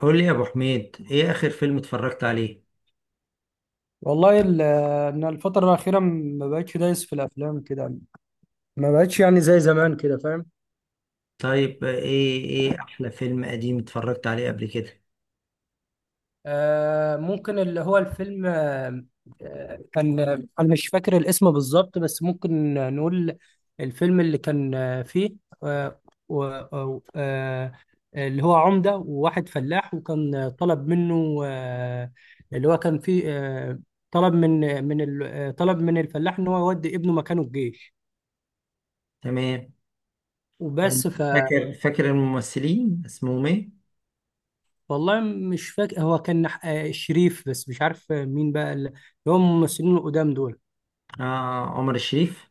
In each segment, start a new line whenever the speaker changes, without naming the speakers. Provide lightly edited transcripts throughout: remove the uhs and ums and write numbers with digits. قول لي يا ابو حميد، ايه اخر فيلم اتفرجت عليه؟
والله ان الفتره الاخيره ما بقتش دايس في الافلام كده. ما بقتش يعني زي زمان كده، فاهم؟
طيب ايه احلى فيلم قديم اتفرجت عليه قبل كده؟
آه، ممكن اللي هو الفيلم، كان انا مش فاكر الاسم بالظبط، بس ممكن نقول الفيلم اللي كان، فيه آه و أو- آه اللي هو عمده وواحد فلاح، وكان طلب منه، اللي هو كان فيه، طلب من طلب من الفلاح ان هو يودي ابنه مكانه الجيش.
تمام. كان...
وبس.
فاكر الممثلين اسمهم ايه؟
والله مش فاكر، هو كان شريف، بس مش عارف مين بقى اللي هم الممثلين القدام دول.
آه، عمر الشريف.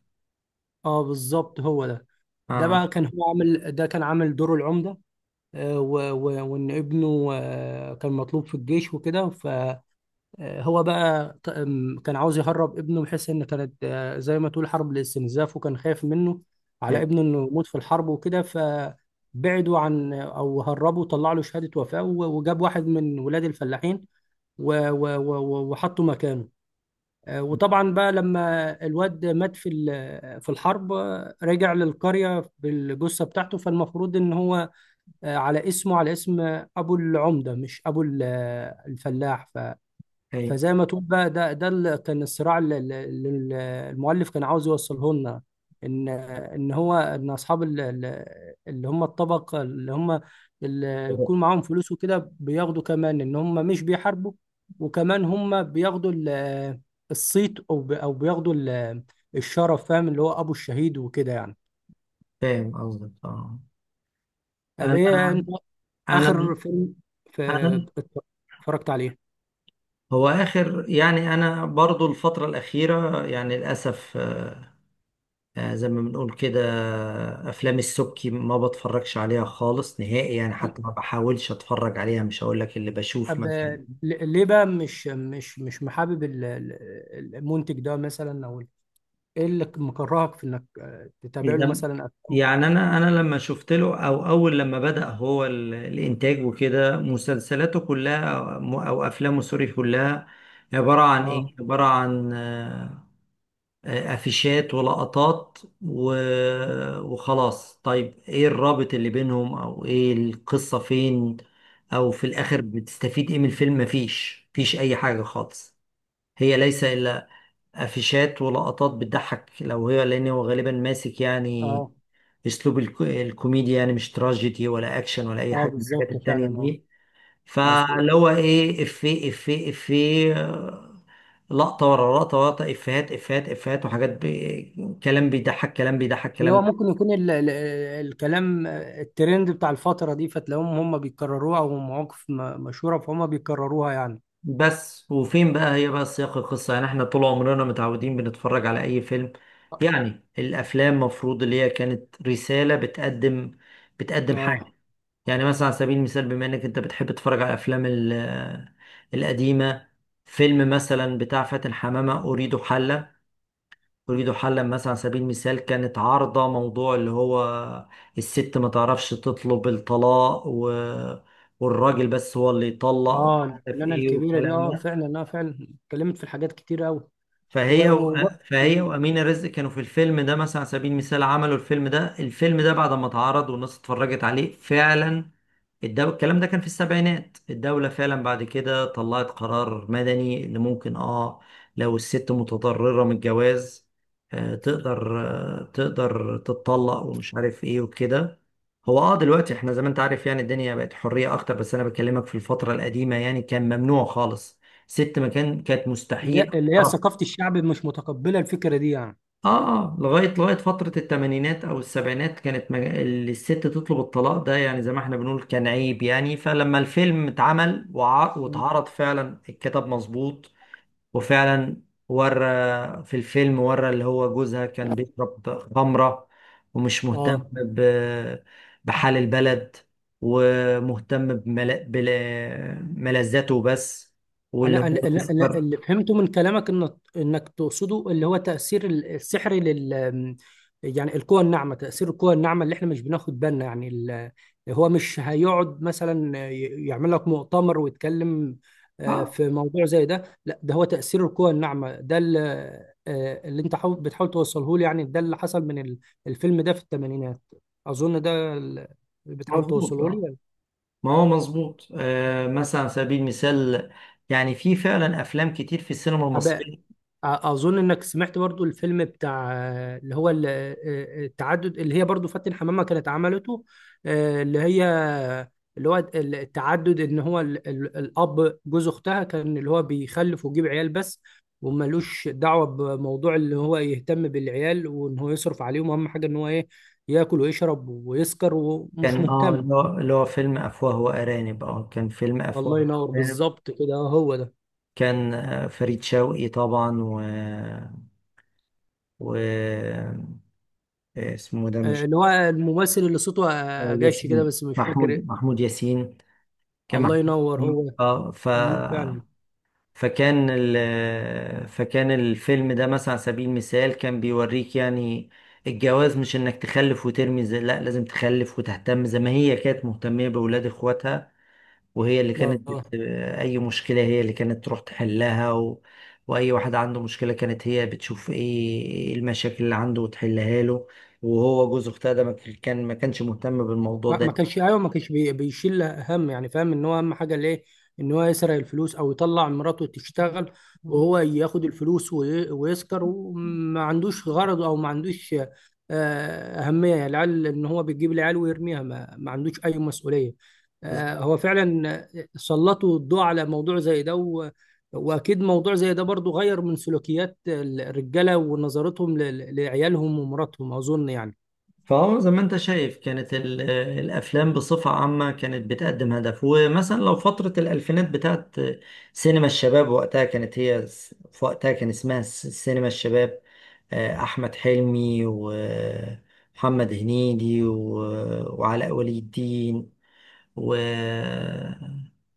اه بالظبط، هو ده. ده
اه.
بقى كان هو عامل ده كان عامل دوره العمدة. و- و- وان ابنه كان مطلوب في الجيش وكده، فهو بقى ط- آم، كان عاوز يهرب ابنه، بحيث ان كانت زي ما تقول حرب الاستنزاف، وكان خايف منه على
اي.
ابنه انه يموت في الحرب وكده، فبعدوا عن او هربوا، طلع له شهادة وفاة، وجاب واحد من ولاد الفلاحين وحطه مكانه. وطبعا بقى لما الواد مات في الحرب، رجع للقرية بالجثة بتاعته. فالمفروض ان هو، على اسمه، على اسم ابو العمدة، مش ابو الفلاح.
اي.
فزي ما تقول بقى، ده اللي كان الصراع اللي المؤلف كان عاوز يوصله لنا، ان اصحاب اللي هم الطبق، اللي هم اللي يكون معاهم فلوس وكده، بياخدوا كمان ان هم مش بيحاربوا، وكمان هم بياخدوا الصيت، او بياخدوا الشرف، فاهم؟ اللي هو ابو الشهيد وكده يعني.
فاهم قصدك، اه.
طب ايه
انا
انت
انا
اخر فيلم ف-
انا
اتفرجت عليه؟
هو اخر، يعني انا برضو الفترة الاخيرة يعني للاسف، زي ما بنقول كده افلام السبكي ما بتفرجش عليها خالص نهائي، يعني حتى ما بحاولش اتفرج عليها. مش هقول لك اللي بشوف
طب
مثلا...
ليه بقى مش محابب المنتج ده مثلا، او ايه اللي مكرهك في انك تتابع له
إذا-
مثلا افلام؟
يعني انا لما شفت له، او اول لما بدأ هو الانتاج وكده، مسلسلاته كلها او افلامه سوري كلها عبارة عن
اه،
ايه؟ عبارة عن افيشات ولقطات و... وخلاص. طيب ايه الرابط اللي بينهم؟ او ايه القصة؟ فين؟ او في
اه،
الاخر بتستفيد ايه من الفيلم؟ مفيش اي حاجة خالص. هي ليس الا افيشات ولقطات بتضحك، لو هي، لان هو غالبا ماسك يعني
اه،
اسلوب الك... الكوميديا، يعني مش تراجيدي ولا اكشن ولا اي حاجة من الحاجات
بالظبط
التانية
فعلا، اه،
دي.
مظبوط.
فاللي هو ايه؟ افيه لقطة ورا لقطة ورا لقطة، إفيهات إفيهات إفيهات وحاجات بي... كلام بيضحك كلام بيضحك
اللي هو
كلام.
ممكن يكون ال الكلام، الترند بتاع الفترة دي، فتلاقيهم هم بيكرروها، او مواقف مشهورة فهم بيكرروها يعني.
بس وفين بقى هي بقى سياق القصة؟ يعني إحنا طول عمرنا متعودين بنتفرج على أي فيلم، يعني الأفلام مفروض اللي هي كانت رسالة بتقدم، بتقدم حاجة.
اه،
يعني مثلا على سبيل المثال، بما إنك أنت بتحب تتفرج على الأفلام القديمة، فيلم مثلا بتاع فاتن حمامة أريد حلا، اريد حلا مثلا على سبيل المثال، كانت عارضة موضوع اللي هو الست ما تعرفش تطلب الطلاق و... والراجل بس هو اللي يطلق،
اه،
ومش عارف
الفنانة
ايه
الكبيرة دي،
والكلام
اه
ده.
فعلا، اه فعلا اتكلمت في الحاجات كتير قوي. و...
فهي و...
و...
فهي وأمينة رزق كانوا في الفيلم ده مثلا على سبيل المثال، عملوا الفيلم ده، الفيلم ده بعد ما اتعرض والناس اتفرجت عليه فعلا، الدو... الكلام ده كان في السبعينات، الدولة فعلا بعد كده طلعت قرار مدني اللي ممكن اه لو الست متضررة من الجواز آه تقدر، آه تقدر تتطلق ومش عارف ايه وكده. هو اه دلوقتي احنا زي ما انت عارف يعني الدنيا بقت حرية اكتر، بس انا بكلمك في الفترة القديمة يعني كان ممنوع خالص. ست ما كان كانت
اللي
مستحيل.
هي اللي هي ثقافة الشعب مش متقبلة الفكرة دي يعني.
اه اه، لغايه فتره الثمانينات او السبعينات، كانت مج... الست تطلب الطلاق ده يعني زي ما احنا بنقول كان عيب. يعني فلما الفيلم اتعمل وع...
مم.
واتعرض فعلا الكتاب مظبوط. وفعلا ورى، في الفيلم ورى اللي هو جوزها كان بيشرب خمره، ومش مهتم
اه،
ب... بحال البلد، ومهتم بمل... بملذاته بس،
انا
واللي
أنا-
هو
أنا- أنا
تذكر.
اللي فهمته من كلامك ان انك تقصده اللي هو تاثير السحر لل، يعني القوى الناعمه، تاثير القوى الناعمه اللي احنا مش بناخد بالنا يعني. ال... هو مش هيقعد مثلا يعمل لك مؤتمر ويتكلم
اه
في موضوع زي ده، لا، ده هو تاثير القوى الناعمه، ده اللي اللي انت بتحاول توصله لي يعني، ده اللي حصل من الفيلم ده في الثمانينات، اظن ده اللي بتحاول
مظبوط
توصله
آه.
لي.
ما هو مظبوط آه. مثلا على سبيل المثال يعني في فعلا افلام كتير في السينما المصريه.
اظن انك سمعت برضو الفيلم بتاع آه، اللي هو ال- آه، آه، التعدد، اللي هي برضو فاتن حمامة كانت عملته، آه، اللي هي اللي هو التعدد، ان هو الاب جوز اختها، كان اللي هو بيخلف ويجيب عيال بس، وملوش دعوة بموضوع اللي هو يهتم بالعيال، وان هو يصرف عليهم. اهم حاجة ان هو ايه، ياكل ويشرب ويسكر ومش
كان اه،
مهتم.
اللي هو فيلم افواه وارانب. اه كان فيلم
الله
افواه
ينور،
وارانب.
بالظبط كده، هو ده.
كان فريد شوقي طبعا و... و... اسمه ده مش...
اللي هو الممثل اللي صوته جاش كده،
ياسين،
بس مش فاكر.
محمود ياسين، كان
الله
محمود
ينور
ياسين.
هو.
اه ف...
مم، فعلا.
فكان فكان الفيلم ده مثلا على سبيل المثال كان بيوريك يعني الجواز مش انك تخلف وترمي زي، لا لازم تخلف وتهتم زي ما هي كانت مهتمة بأولاد اخواتها. وهي اللي كانت
اه،
بت... اي مشكلة هي اللي كانت تروح تحلها، و... واي واحد عنده مشكلة كانت هي بتشوف ايه، إيه المشاكل اللي عنده وتحلها له. وهو جوز اختها ده ما كانش مهتم بالموضوع
ما كانش، ايوه ما كانش بيشيل هم يعني، فاهم؟ ان هو اهم حاجه ليه ان هو يسرق الفلوس، او يطلع مراته تشتغل،
ده.
وهو ياخد الفلوس ويسكر، وما عندوش غرض او ما عندوش اهميه العيال، ان هو بيجيب العيال ويرميها، ما ما عندوش اي مسؤوليه. هو فعلا سلطوا الضوء على موضوع زي ده، و- واكيد موضوع زي ده برضو غير من سلوكيات الرجاله ونظرتهم لعيالهم ومراتهم، اظن يعني.
فهو زي ما انت شايف كانت الافلام بصفه عامه كانت بتقدم هدف. ومثلا لو فتره الالفينات بتاعت سينما الشباب، وقتها كانت هي س-... في وقتها كان اسمها س- سينما الشباب، احمد حلمي ومحمد هنيدي وعلاء ولي الدين و-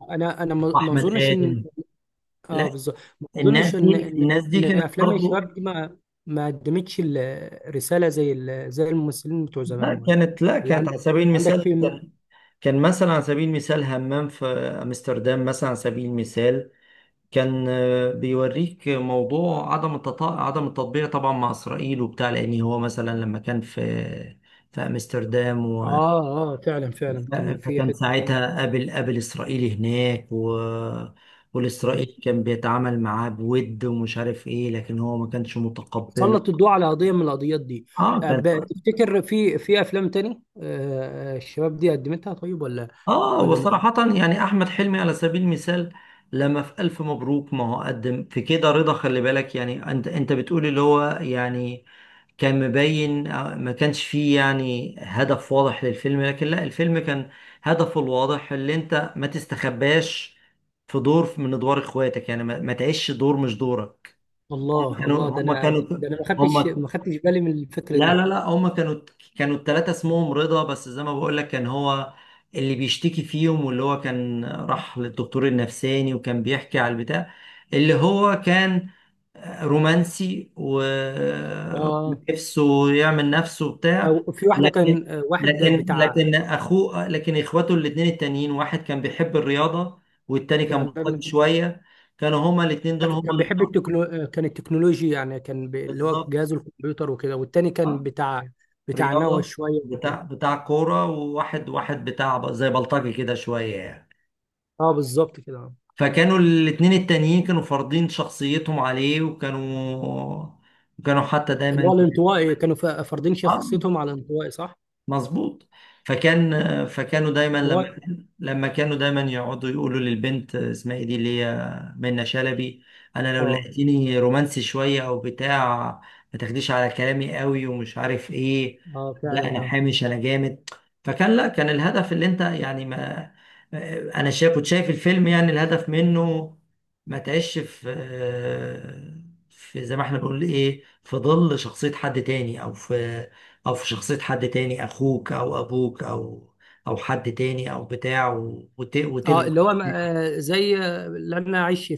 انا ما
واحمد
اظنش ان،
ادم.
اه
لا
بالظبط، ما
الناس
اظنش ان
دي،
ان
الناس دي
ان
كانت
افلام
برضو
الشباب دي ما ما قدمتش الرساله زي ال... زي الممثلين بتوع زمان،
لا
ولا
كانت، لا
ولا
كانت
عندك،
على سبيل
عندك
المثال
فيلم؟
كان مثلا على سبيل المثال همام في امستردام مثلا على سبيل المثال، كان بيوريك موضوع عدم التطا... عدم التطبيع طبعا مع اسرائيل وبتاع. لان هو مثلا لما كان في في امستردام و...
اه، اه فعلا، فعلا كان في
فكان
حته.
ساعتها قابل اسرائيل هناك و...
مم.
والاسرائيلي كان بيتعامل معاه بود ومش عارف ايه، لكن هو ما كانش متقبله.
سلط الضوء على قضيه من القضيات دي.
اه كانت.
تفتكر في في افلام تاني الشباب دي قدمتها، طيب؟ ولا
اه
ولا ما-
وصراحة يعني احمد حلمي على سبيل المثال لما في الف مبروك، ما هو قدم في كده رضا، خلي بالك. يعني انت انت بتقول اللي هو يعني كان مبين ما كانش فيه يعني هدف واضح للفيلم، لكن لا، الفيلم كان هدفه الواضح اللي انت ما تستخباش في دور من ادوار اخواتك، يعني ما، ما تعيش دور مش دورك. هم
الله
كانوا
الله، ده
هم
انا،
كانوا
ده انا ما خدتش
هم
ما خدتش بالي من الفكره
لا لا
دي.
لا، هما كانوا، التلاتة اسمهم رضا، بس زي ما بقول لك كان هو اللي بيشتكي فيهم واللي هو كان راح للدكتور النفساني وكان بيحكي على البتاع اللي هو كان رومانسي
اه،
ونفسه يعمل نفسه بتاع.
او في واحده
لكن
كان واحد
لكن
بتاع.
لكن اخوه، لكن اخواته الاتنين التانيين، واحد كان بيحب الرياضة والتاني كان بطل
فعلا
شوية. كانوا هما الاتنين دول هما
كان
اللي...
بيحب التكنو، كان التكنولوجيا يعني، كان، ب... اللي هو
بالظبط.
جهاز الكمبيوتر وكده، والتاني كان بتاع، بتاع نوى
رياضة.
شويه
بتاع
وكده.
بتاع كورة، وواحد واحد بتاع زي بلطجي كده شوية يعني.
اه بالظبط كده.
فكانوا الاتنين التانيين كانوا فارضين شخصيتهم عليه، كانوا حتى
اللي
دايما...
هو الانطوائي، كانوا فارضين شخصيتهم على الانطوائي، صح؟
مظبوط. فكان، فكانوا دايما
اللي
لما
هو،
لما كانوا دايما يقعدوا يقولوا للبنت اسمها ايه دي اللي هي منة شلبي: انا لو
اه،
لقيتيني رومانسي شويه او بتاع ما تاخديش على كلامي قوي ومش عارف ايه،
اه
لا
فعلا،
انا
اه،
حامش انا جامد. فكان لا، كان الهدف اللي انت يعني ما، انا شايف كنت شايف الفيلم يعني الهدف منه ما تعيش في، في زي ما احنا بنقول ايه، في ظل شخصيه حد تاني او في او في شخصية حد تاني، اخوك او ابوك او او حد تاني او بتاع
اه
وتلغي
اللي هو ما،
شخصيته.
زي اللي انا عايش في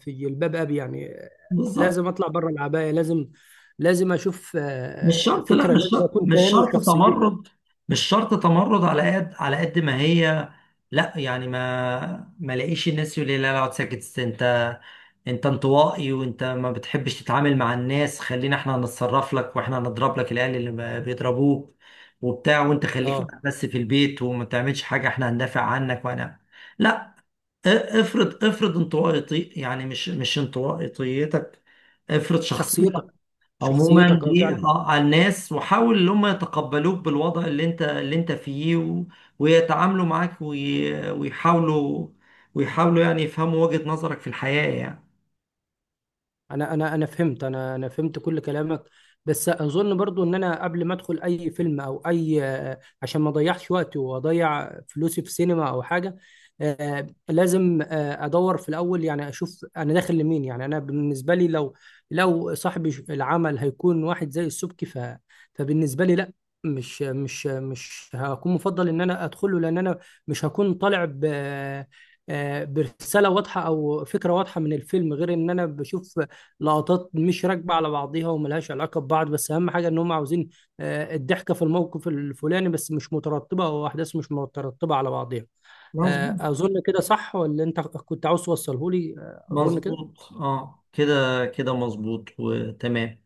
في جلباب ابي يعني،
بالظبط.
لازم اطلع بره العبايه، لازم، لازم اشوف
مش
آه
شرط،
فكره،
لا مش
لازم
شرط،
اكون
مش
كيان
شرط
وشخصيتي.
تمرد، مش شرط تمرد على قد، على قد ما هي، لا يعني ما لاقيش الناس يقول لي لا لا اقعد ساكت، انت انت انطوائي وانت ما بتحبش تتعامل مع الناس، خلينا احنا نتصرف لك واحنا نضرب لك العيال اللي ما بيضربوك وبتاع، وانت خليك
اه،
بس في البيت وما تعملش حاجة، احنا هندافع عنك وانا... لا. افرض، افرض انطوائي، يعني مش انطوائيتك، افرض
شخصيتك،
شخصيتك، عموما
شخصيتك، اه
دي
فعلا.
على الناس وحاول ان هم يتقبلوك بالوضع اللي انت اللي انت فيه و... ويتعاملوا معاك وي... ويحاولوا، ويحاولوا يعني يفهموا وجهة نظرك في الحياة يعني.
انا فهمت كل كلامك، بس اظن برضو ان انا قبل ما ادخل اي فيلم او اي، عشان ما اضيعش وقتي واضيع فلوسي في سينما او حاجه، لازم ادور في الاول، يعني اشوف انا داخل لمين. يعني انا بالنسبه لي، لو لو صاحب العمل هيكون واحد زي السبكي، ف فبالنسبه لي لا، مش هكون مفضل ان انا ادخله، لان انا مش هكون طالع ب آه، آه، برساله واضحه او فكره واضحه من الفيلم، غير ان انا بشوف لقطات مش راكبه على بعضيها، وملهاش علاقه ببعض، بس اهم حاجه ان هم عاوزين الضحكه في الموقف الفلاني، بس مش مترتبه، او احداث مش مترتبه على بعضيها.
مظبوط.
اظن كده صح، ولا انت كنت عاوز توصله لي؟ اظن كده.
مظبوط اه، كده كده مظبوط وتمام.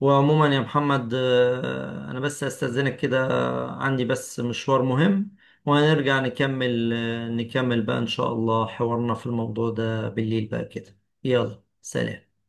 وعموما يا محمد، انا بس استاذنك كده، عندي بس مشوار مهم، وهنرجع نكمل، نكمل بقى ان شاء الله حوارنا في الموضوع ده بالليل بقى كده. يلا، سلام.